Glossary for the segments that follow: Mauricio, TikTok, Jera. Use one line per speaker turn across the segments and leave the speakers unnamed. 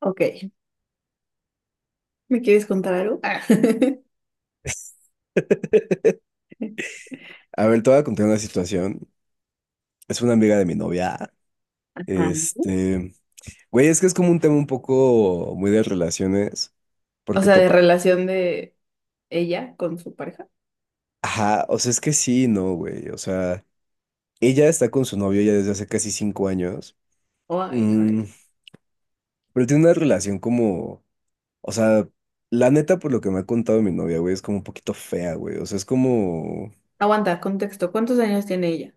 Ok. ¿Me quieres contar algo? Ah.
A ver, te voy a contar una situación. Es una amiga de mi novia.
Ajá.
Este, güey, es que es como un tema un poco muy de relaciones,
O
porque
sea, de
topa.
relación de ella con su pareja.
Ajá, o sea, es que sí, no, güey. O sea, ella está con su novio ya desde hace casi 5 años.
Oh, ay,
Mm,
híjole.
pero tiene una relación como, o sea, la neta, por lo que me ha contado mi novia, güey, es como un poquito fea, güey. O sea, es como,
Aguanta, contexto. ¿Cuántos años tiene ella?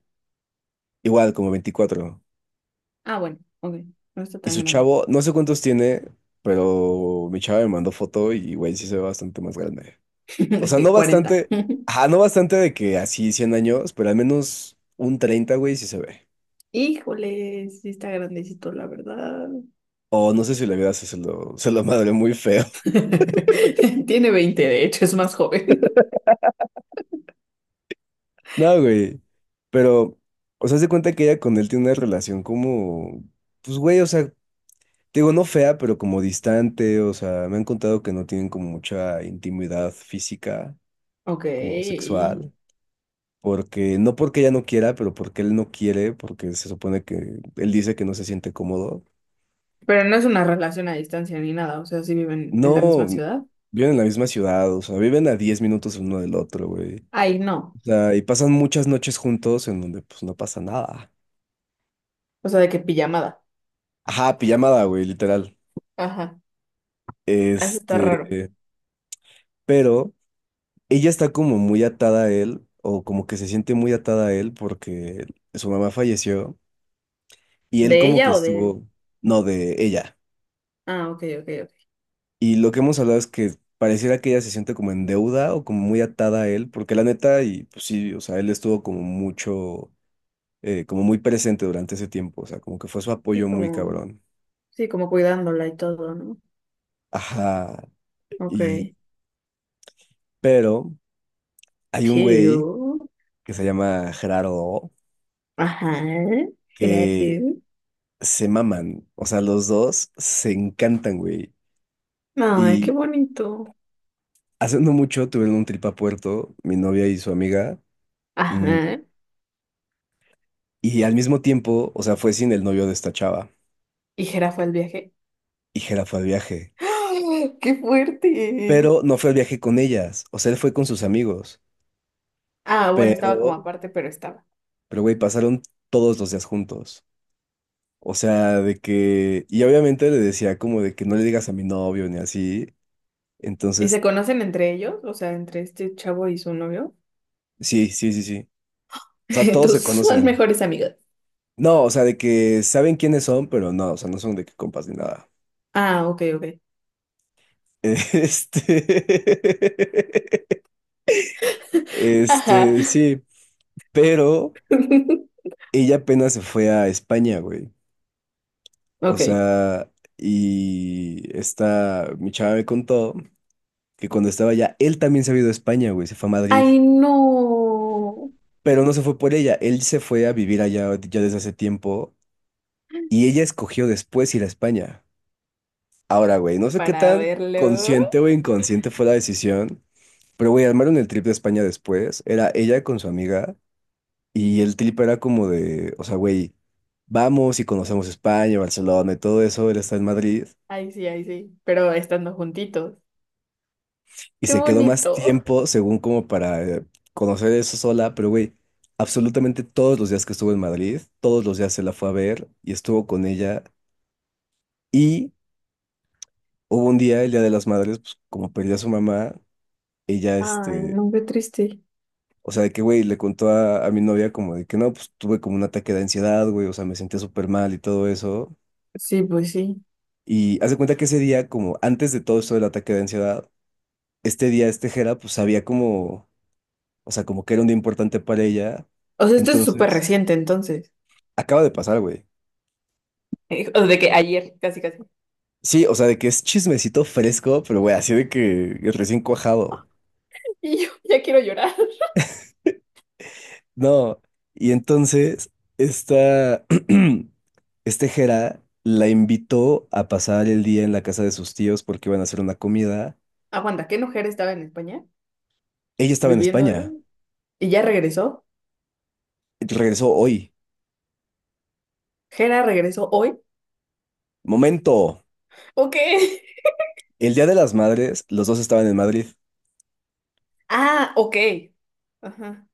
igual, como 24.
Ah, bueno, ok. No está
Y
tan
su
grande.
chavo, no sé cuántos tiene, pero mi chava me mandó foto y, güey, sí se ve bastante más grande. O
De
sea, no
que 40.
bastante, ajá, no bastante de que así 100 años, pero al menos un 30 güey, sí se ve.
Híjole, sí está grandecito, la verdad.
O no sé si la vida se lo madre muy feo.
Tiene 20, de hecho, es más joven.
No, güey. Pero, o sea, se cuenta que ella con él tiene una relación como, pues, güey, o sea, te digo, no fea, pero como distante. O sea, me han contado que no tienen como mucha intimidad física,
Ok.
como sexual. Porque, no porque ella no quiera, pero porque él no quiere, porque se supone que él dice que no se siente cómodo.
Pero no es una relación a distancia ni nada. O sea, sí viven en la
No,
misma ciudad.
viven en la misma ciudad, o sea, viven a 10 minutos el uno del otro, güey.
Ay, no.
O sea, y pasan muchas noches juntos en donde pues no pasa nada.
O sea, de que pijamada.
Ajá, pijamada, güey, literal.
Ajá. Eso está
Este,
raro.
pero ella está como muy atada a él, o como que se siente muy atada a él porque su mamá falleció y él
¿De
como que
ella o de él?
estuvo, no, de ella.
Ah, ok, ok, ok.
Y lo que hemos hablado es que pareciera que ella se siente como en deuda o como muy atada a él, porque la neta, y pues sí, o sea, él estuvo como mucho, como muy presente durante ese tiempo, o sea, como que fue su apoyo
Sí,
muy
como,
cabrón.
sí, como cuidándola y todo, ¿no?
Ajá,
Ok.
y, pero hay un
Pero,
güey que se llama Gerardo, O,
ajá,
que
jirafa.
se maman, o sea, los dos se encantan, güey.
Ay, qué
Y
bonito.
hace no mucho tuvieron un trip a Puerto, mi novia y su amiga, mm,
Ajá.
y al mismo tiempo, o sea, fue sin el novio de esta chava.
Y jirafa el viaje.
Y Hera fue al viaje.
¡Ah! ¡Qué
Pero
fuerte!
no fue al viaje con ellas. O sea, él fue con sus amigos.
Ah, bueno, estaba
Pero,
como aparte, pero estaba.
pero güey, pasaron todos los días juntos. O sea, de que. Y obviamente le decía como de que no le digas a mi novio ni así.
¿Y se
Entonces,
conocen entre ellos? O sea, entre este chavo y su novio.
sí, sí, sí, sí. O sea, todos se
Tus son
conocen.
mejores amigos.
No, o sea, de que saben quiénes son, pero no, o sea, no son de que compas ni nada.
Ah, ok, ok.
Este.
Ajá.
Sí. Pero ella apenas se fue a España, güey. O
Ok.
sea, y mi chava me contó que cuando estaba allá, él también se había ido a España, güey, se fue a Madrid,
Ay, no.
pero no se fue por ella, él se fue a vivir allá ya desde hace tiempo y ella escogió después ir a España. Ahora, güey, no sé qué
Para
tan
verlo.
consciente o inconsciente fue la decisión, pero, güey, armaron el trip de España después, era ella con su amiga y el trip era como de, o sea, güey, vamos y conocemos España, Barcelona y todo eso, él está en Madrid.
Ay, sí, ay, sí. Pero estando juntitos.
Y
Qué
se quedó más
bonito.
tiempo, según como para conocer eso sola, pero güey, absolutamente todos los días que estuvo en Madrid, todos los días se la fue a ver y estuvo con ella. Y hubo un día, el Día de las Madres, pues como perdió a su mamá, ella,
Ay, no, qué triste.
o sea, de que, güey, le contó a mi novia como de que no, pues tuve como un ataque de ansiedad, güey, o sea, me sentía súper mal y todo eso.
Sí, pues sí.
Y hace cuenta que ese día, como antes de todo esto del ataque de ansiedad, este día, este Jera, pues sabía como, o sea, como que era un día importante para ella.
O sea, esto es súper
Entonces.
reciente entonces.
Acaba de pasar, güey.
O de que ayer, casi, casi.
Sí, o sea, de que es chismecito fresco, pero güey, así de que recién cuajado.
Y yo ya quiero llorar.
No. Y entonces, esta, este Jera la invitó a pasar el día en la casa de sus tíos porque iban a hacer una comida.
Aguanta, ¿qué mujer estaba en España
Ella estaba en
viviendo? ¿Eh?
España.
¿Y ya regresó?
Regresó hoy.
¿Jera regresó hoy?
Momento.
Ok.
El Día de las Madres, los dos estaban en Madrid.
Ah, ok. Ajá.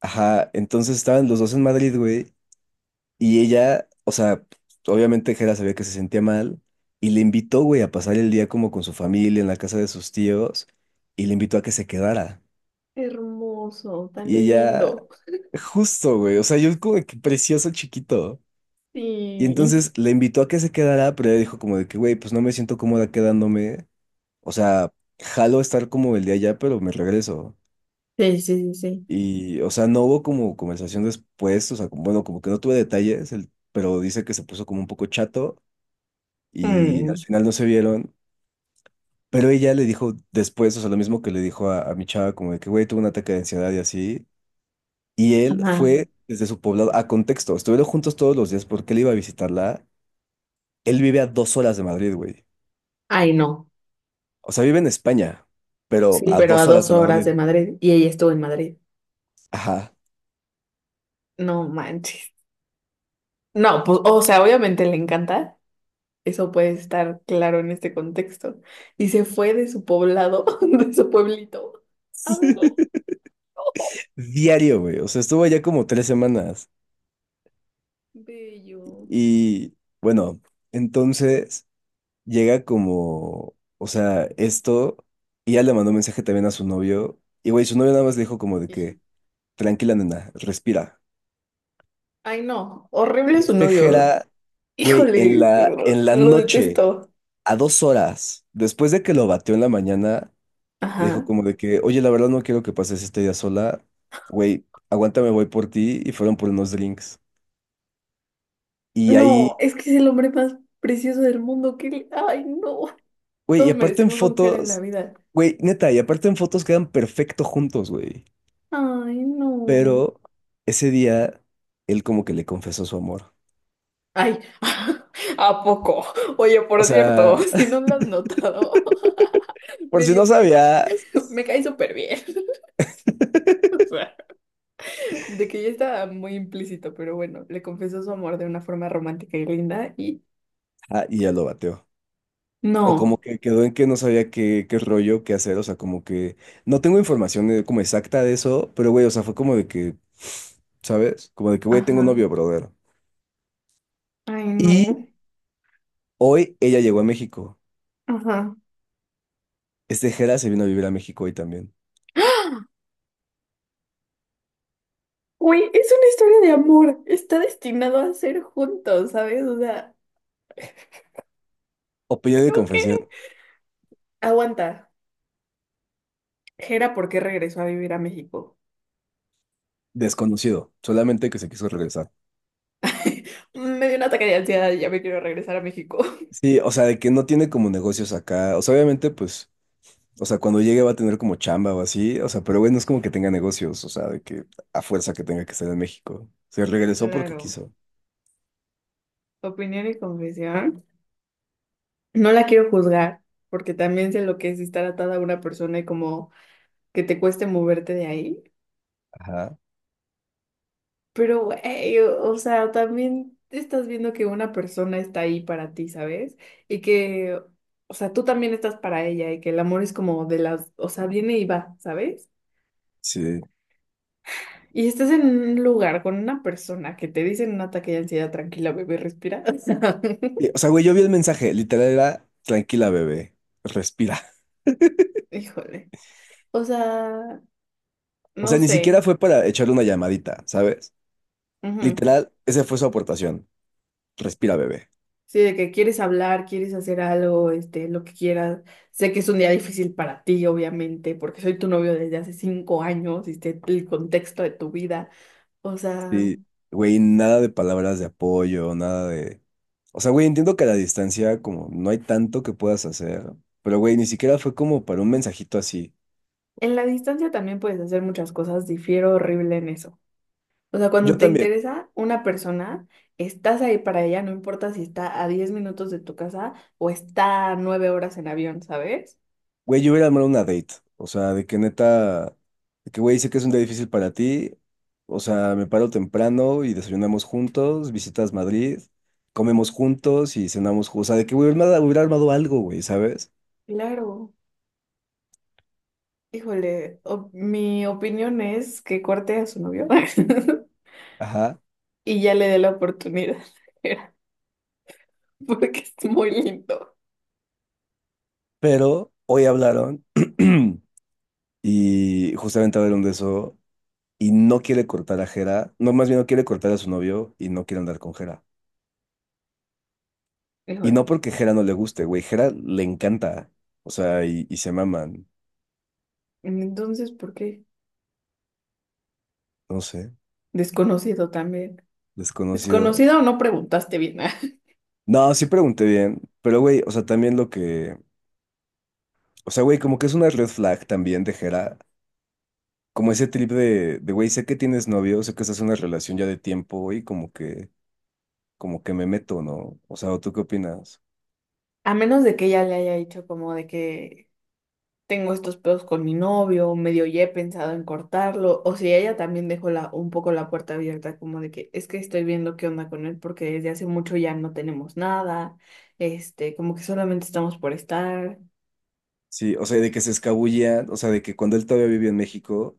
Ajá, entonces estaban los dos en Madrid, güey. Y ella, o sea, obviamente Jera sabía que se sentía mal y le invitó, güey, a pasar el día como con su familia en la casa de sus tíos y le invitó a que se quedara.
Hermoso, tan
Y
lindo.
ella, justo, güey, o sea, yo como de que precioso chiquito. Y
Sí.
entonces le invitó a que se quedara, pero ella dijo como de que, güey, pues no me siento cómoda quedándome. O sea, jalo estar como el día allá, pero me regreso.
Sí, sí, sí, sí.
Y, o sea, no hubo como conversación después, o sea, como- bueno, como que no tuve detalles, el- pero dice que se puso como un poco chato. Y al
Mm.
final no se vieron, pero ella le dijo después, o sea, lo mismo que le dijo a mi chava, como de que, güey, tuve un ataque de ansiedad y así, y él
Ajá.
fue desde su poblado, a contexto, estuvieron juntos todos los días porque él iba a visitarla, él vive a 2 horas de Madrid, güey,
Ay, no.
o sea, vive en España, pero
Sí,
a
pero
dos
a
horas
dos
de
horas
Madrid,
de Madrid y ella estuvo en Madrid.
ajá.
No manches. No, pues, o sea, obviamente le encanta. Eso puede estar claro en este contexto. Y se fue de su poblado, de su pueblito, a verla. ¡Oh!
Diario, güey. O sea, estuvo allá como 3 semanas.
Bello.
Y bueno, entonces llega como, o sea, esto, y ya le mandó un mensaje también a su novio, y güey, su novio nada más le dijo como de que,
Jiji.
tranquila nena, respira.
Ay, no.
Y
Horrible su
este
novio.
Jera, güey, en
Híjole,
la, en la
lo
noche,
detesto.
a 2 horas, después de que lo batió en la mañana, le dijo
Ajá.
como de que, oye, la verdad no quiero que pases este día sola, güey, aguántame, voy por ti, y fueron por unos drinks. Y
No,
ahí,
es que es el hombre más precioso del mundo. Ay, no.
güey, y
Todos
aparte en
merecemos un Jera en la
fotos,
vida.
güey, neta, y aparte en fotos quedan perfecto juntos, güey.
Ay, no.
Pero ese día él como que le confesó su amor.
Ay. ¿A poco? Oye,
O
por cierto,
sea,
si no lo has notado,
por si
medio
no
me,
sabías.
me cae súper bien. O sea, de que ya está muy implícito, pero bueno, le confesó su amor de una forma romántica y linda y
Ah, y ya lo bateó. O como
no.
que quedó en que no sabía qué rollo, qué hacer. O sea, como que no tengo información como exacta de eso, pero güey, o sea, fue como de que, ¿sabes? Como de que, güey, tengo
Ajá.
novio, brother.
Ay,
Y
no.
hoy ella llegó a México.
Ajá.
Este Jera se vino a vivir a México hoy también.
Güey, es una historia de amor. Está destinado a ser juntos, ¿sabes? O sea,
Opinión de
creo que...
confesión,
Aguanta. Jera, ¿por qué regresó a vivir a México?
desconocido, solamente que se quiso regresar.
Me dio un ataque de ansiedad y ya me quiero regresar a México.
Sí, o sea, de que no tiene como negocios acá. O sea, obviamente, pues. O sea, cuando llegue va a tener como chamba o así. O sea, pero güey, no es como que tenga negocios. O sea, de que a fuerza que tenga que estar en México. Se regresó porque
Claro.
quiso.
Opinión y confesión. No la quiero juzgar, porque también sé lo que es estar atada a una persona y como que te cueste moverte de ahí.
Ajá.
Pero, güey, o sea, también estás viendo que una persona está ahí para ti, ¿sabes? Y que, o sea, tú también estás para ella y que el amor es como de las, o sea, viene y va, ¿sabes?
Sí.
Y estás en un lugar con una persona que te dice en un ataque de ansiedad, tranquila, bebé, respira.
Y, o sea, güey, yo vi el mensaje. Literal era, tranquila, bebé. Respira.
Híjole. O sea,
O sea,
no
ni siquiera
sé.
fue para echarle una llamadita, ¿sabes?
Ujú.
Literal, esa fue su aportación. Respira, bebé.
Sí, de que quieres hablar, quieres hacer algo, este, lo que quieras. Sé que es un día difícil para ti, obviamente, porque soy tu novio desde hace 5 años y sé el contexto de tu vida. O sea,
Sí. Güey, nada de palabras de apoyo, nada de... O sea, güey, entiendo que a la distancia como no hay tanto que puedas hacer. Pero, güey, ni siquiera fue como para un mensajito así.
en la distancia también puedes hacer muchas cosas, difiero horrible en eso. O sea, cuando
Yo
te
también.
interesa una persona, estás ahí para ella, no importa si está a 10 minutos de tu casa o está a 9 horas en avión, ¿sabes?
Güey, yo hubiera armado una date. O sea, de que neta, de que güey, sé que es un día difícil para ti. O sea, me paro temprano y desayunamos juntos, visitas Madrid, comemos juntos y cenamos juntos. O sea, de que güey, hubiera armado algo, güey, ¿sabes?
Claro. Híjole, mi opinión es que corte a su novio.
Ajá.
Y ya le dé la oportunidad, porque es muy lindo.
Pero hoy hablaron y justamente hablaron de eso y no quiere cortar a Jera. No, más bien no quiere cortar a su novio y no quiere andar con Jera. Y no
Híjole.
porque Jera no le guste, güey, Jera le encanta. O sea, y se maman.
Entonces, ¿por qué?
No sé.
Desconocido también.
Desconocido.
Desconocido o no preguntaste bien.
No, sí pregunté bien, pero güey, o sea, también lo que, o sea, güey, como que es una red flag también de Jera, como ese trip de, güey, sé que tienes novio, sé que estás en una relación ya de tiempo y como que me meto, ¿no? O sea, ¿o tú qué opinas?
A menos de que ella le haya dicho como de que tengo estos pedos con mi novio, o medio ya he pensado en cortarlo, o si ella también dejó la, un poco la puerta abierta como de que es que estoy viendo qué onda con él porque desde hace mucho ya no tenemos nada, este, como que solamente estamos por estar.
Sí, o sea, de que se escabullía, o sea, de que cuando él todavía vivía en México,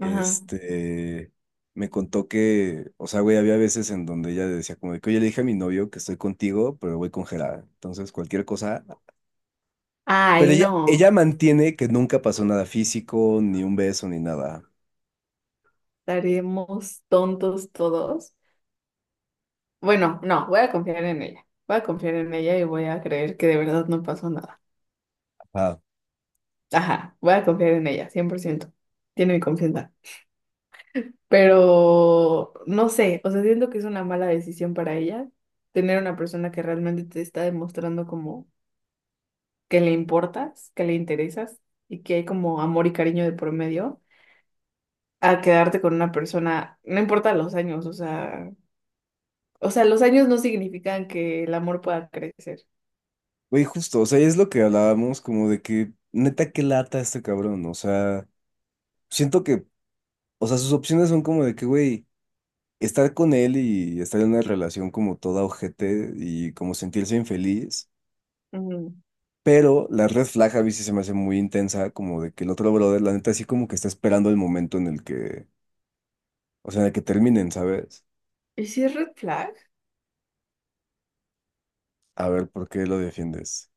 Ajá.
este, me contó que, o sea, güey, había veces en donde ella decía como de que, oye, le dije a mi novio que estoy contigo, pero voy con Jera, entonces cualquier cosa.
Ay,
Pero ella
no.
mantiene que nunca pasó nada físico, ni un beso, ni nada.
Estaremos tontos todos. Bueno, no, voy a confiar en ella. Voy a confiar en ella y voy a creer que de verdad no pasó nada.
Ajá.
Ajá, voy a confiar en ella, 100%. Tiene mi confianza. Pero no sé, o sea, siento que es una mala decisión para ella tener una persona que realmente te está demostrando como que le importas, que le interesas y que hay como amor y cariño de por medio, a quedarte con una persona, no importa los años, o sea, los años no significan que el amor pueda crecer.
Güey, justo, o sea, es lo que hablábamos, como de que, neta, qué lata este cabrón, o sea, siento que, o sea, sus opciones son como de que, güey, estar con él y estar en una relación como toda ojete y como sentirse infeliz,
Mm.
pero la red flag a veces se me hace muy intensa, como de que el otro brother, la neta, así como que está esperando el momento en el que, o sea, en el que terminen, ¿sabes?
¿Y si es red flag?
A ver, ¿por qué lo defiendes?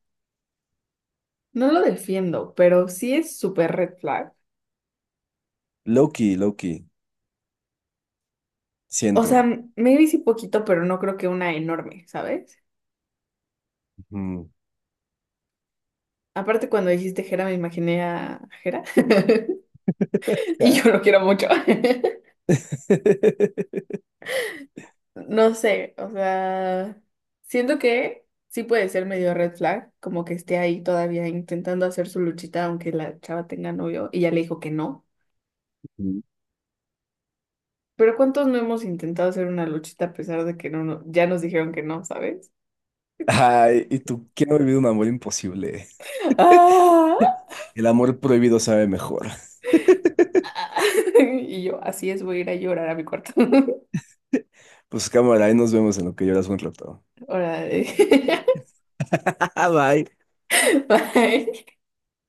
No lo defiendo, pero sí es súper red flag.
Loki, Loki,
O sea,
siento.
maybe sí poquito, pero no creo que una enorme, ¿sabes?
Mm.
Aparte, cuando dijiste Jera, me imaginé a Jera. Y
Ja.
yo lo quiero mucho. No sé, o sea, siento que sí puede ser medio red flag, como que esté ahí todavía intentando hacer su luchita, aunque la chava tenga novio y ya le dijo que no.
Mm.
Pero ¿cuántos no hemos intentado hacer una luchita a pesar de que ya nos dijeron que no, ¿sabes?
Ay, ¿y tú quién ha vivido un amor imposible?
¡Ah!
El amor prohibido sabe mejor.
Y yo, así es, voy a ir a llorar a mi cuarto.
Pues cámara, ahí nos vemos en lo que lloras un rato.
Ahora,
Bye.
bye.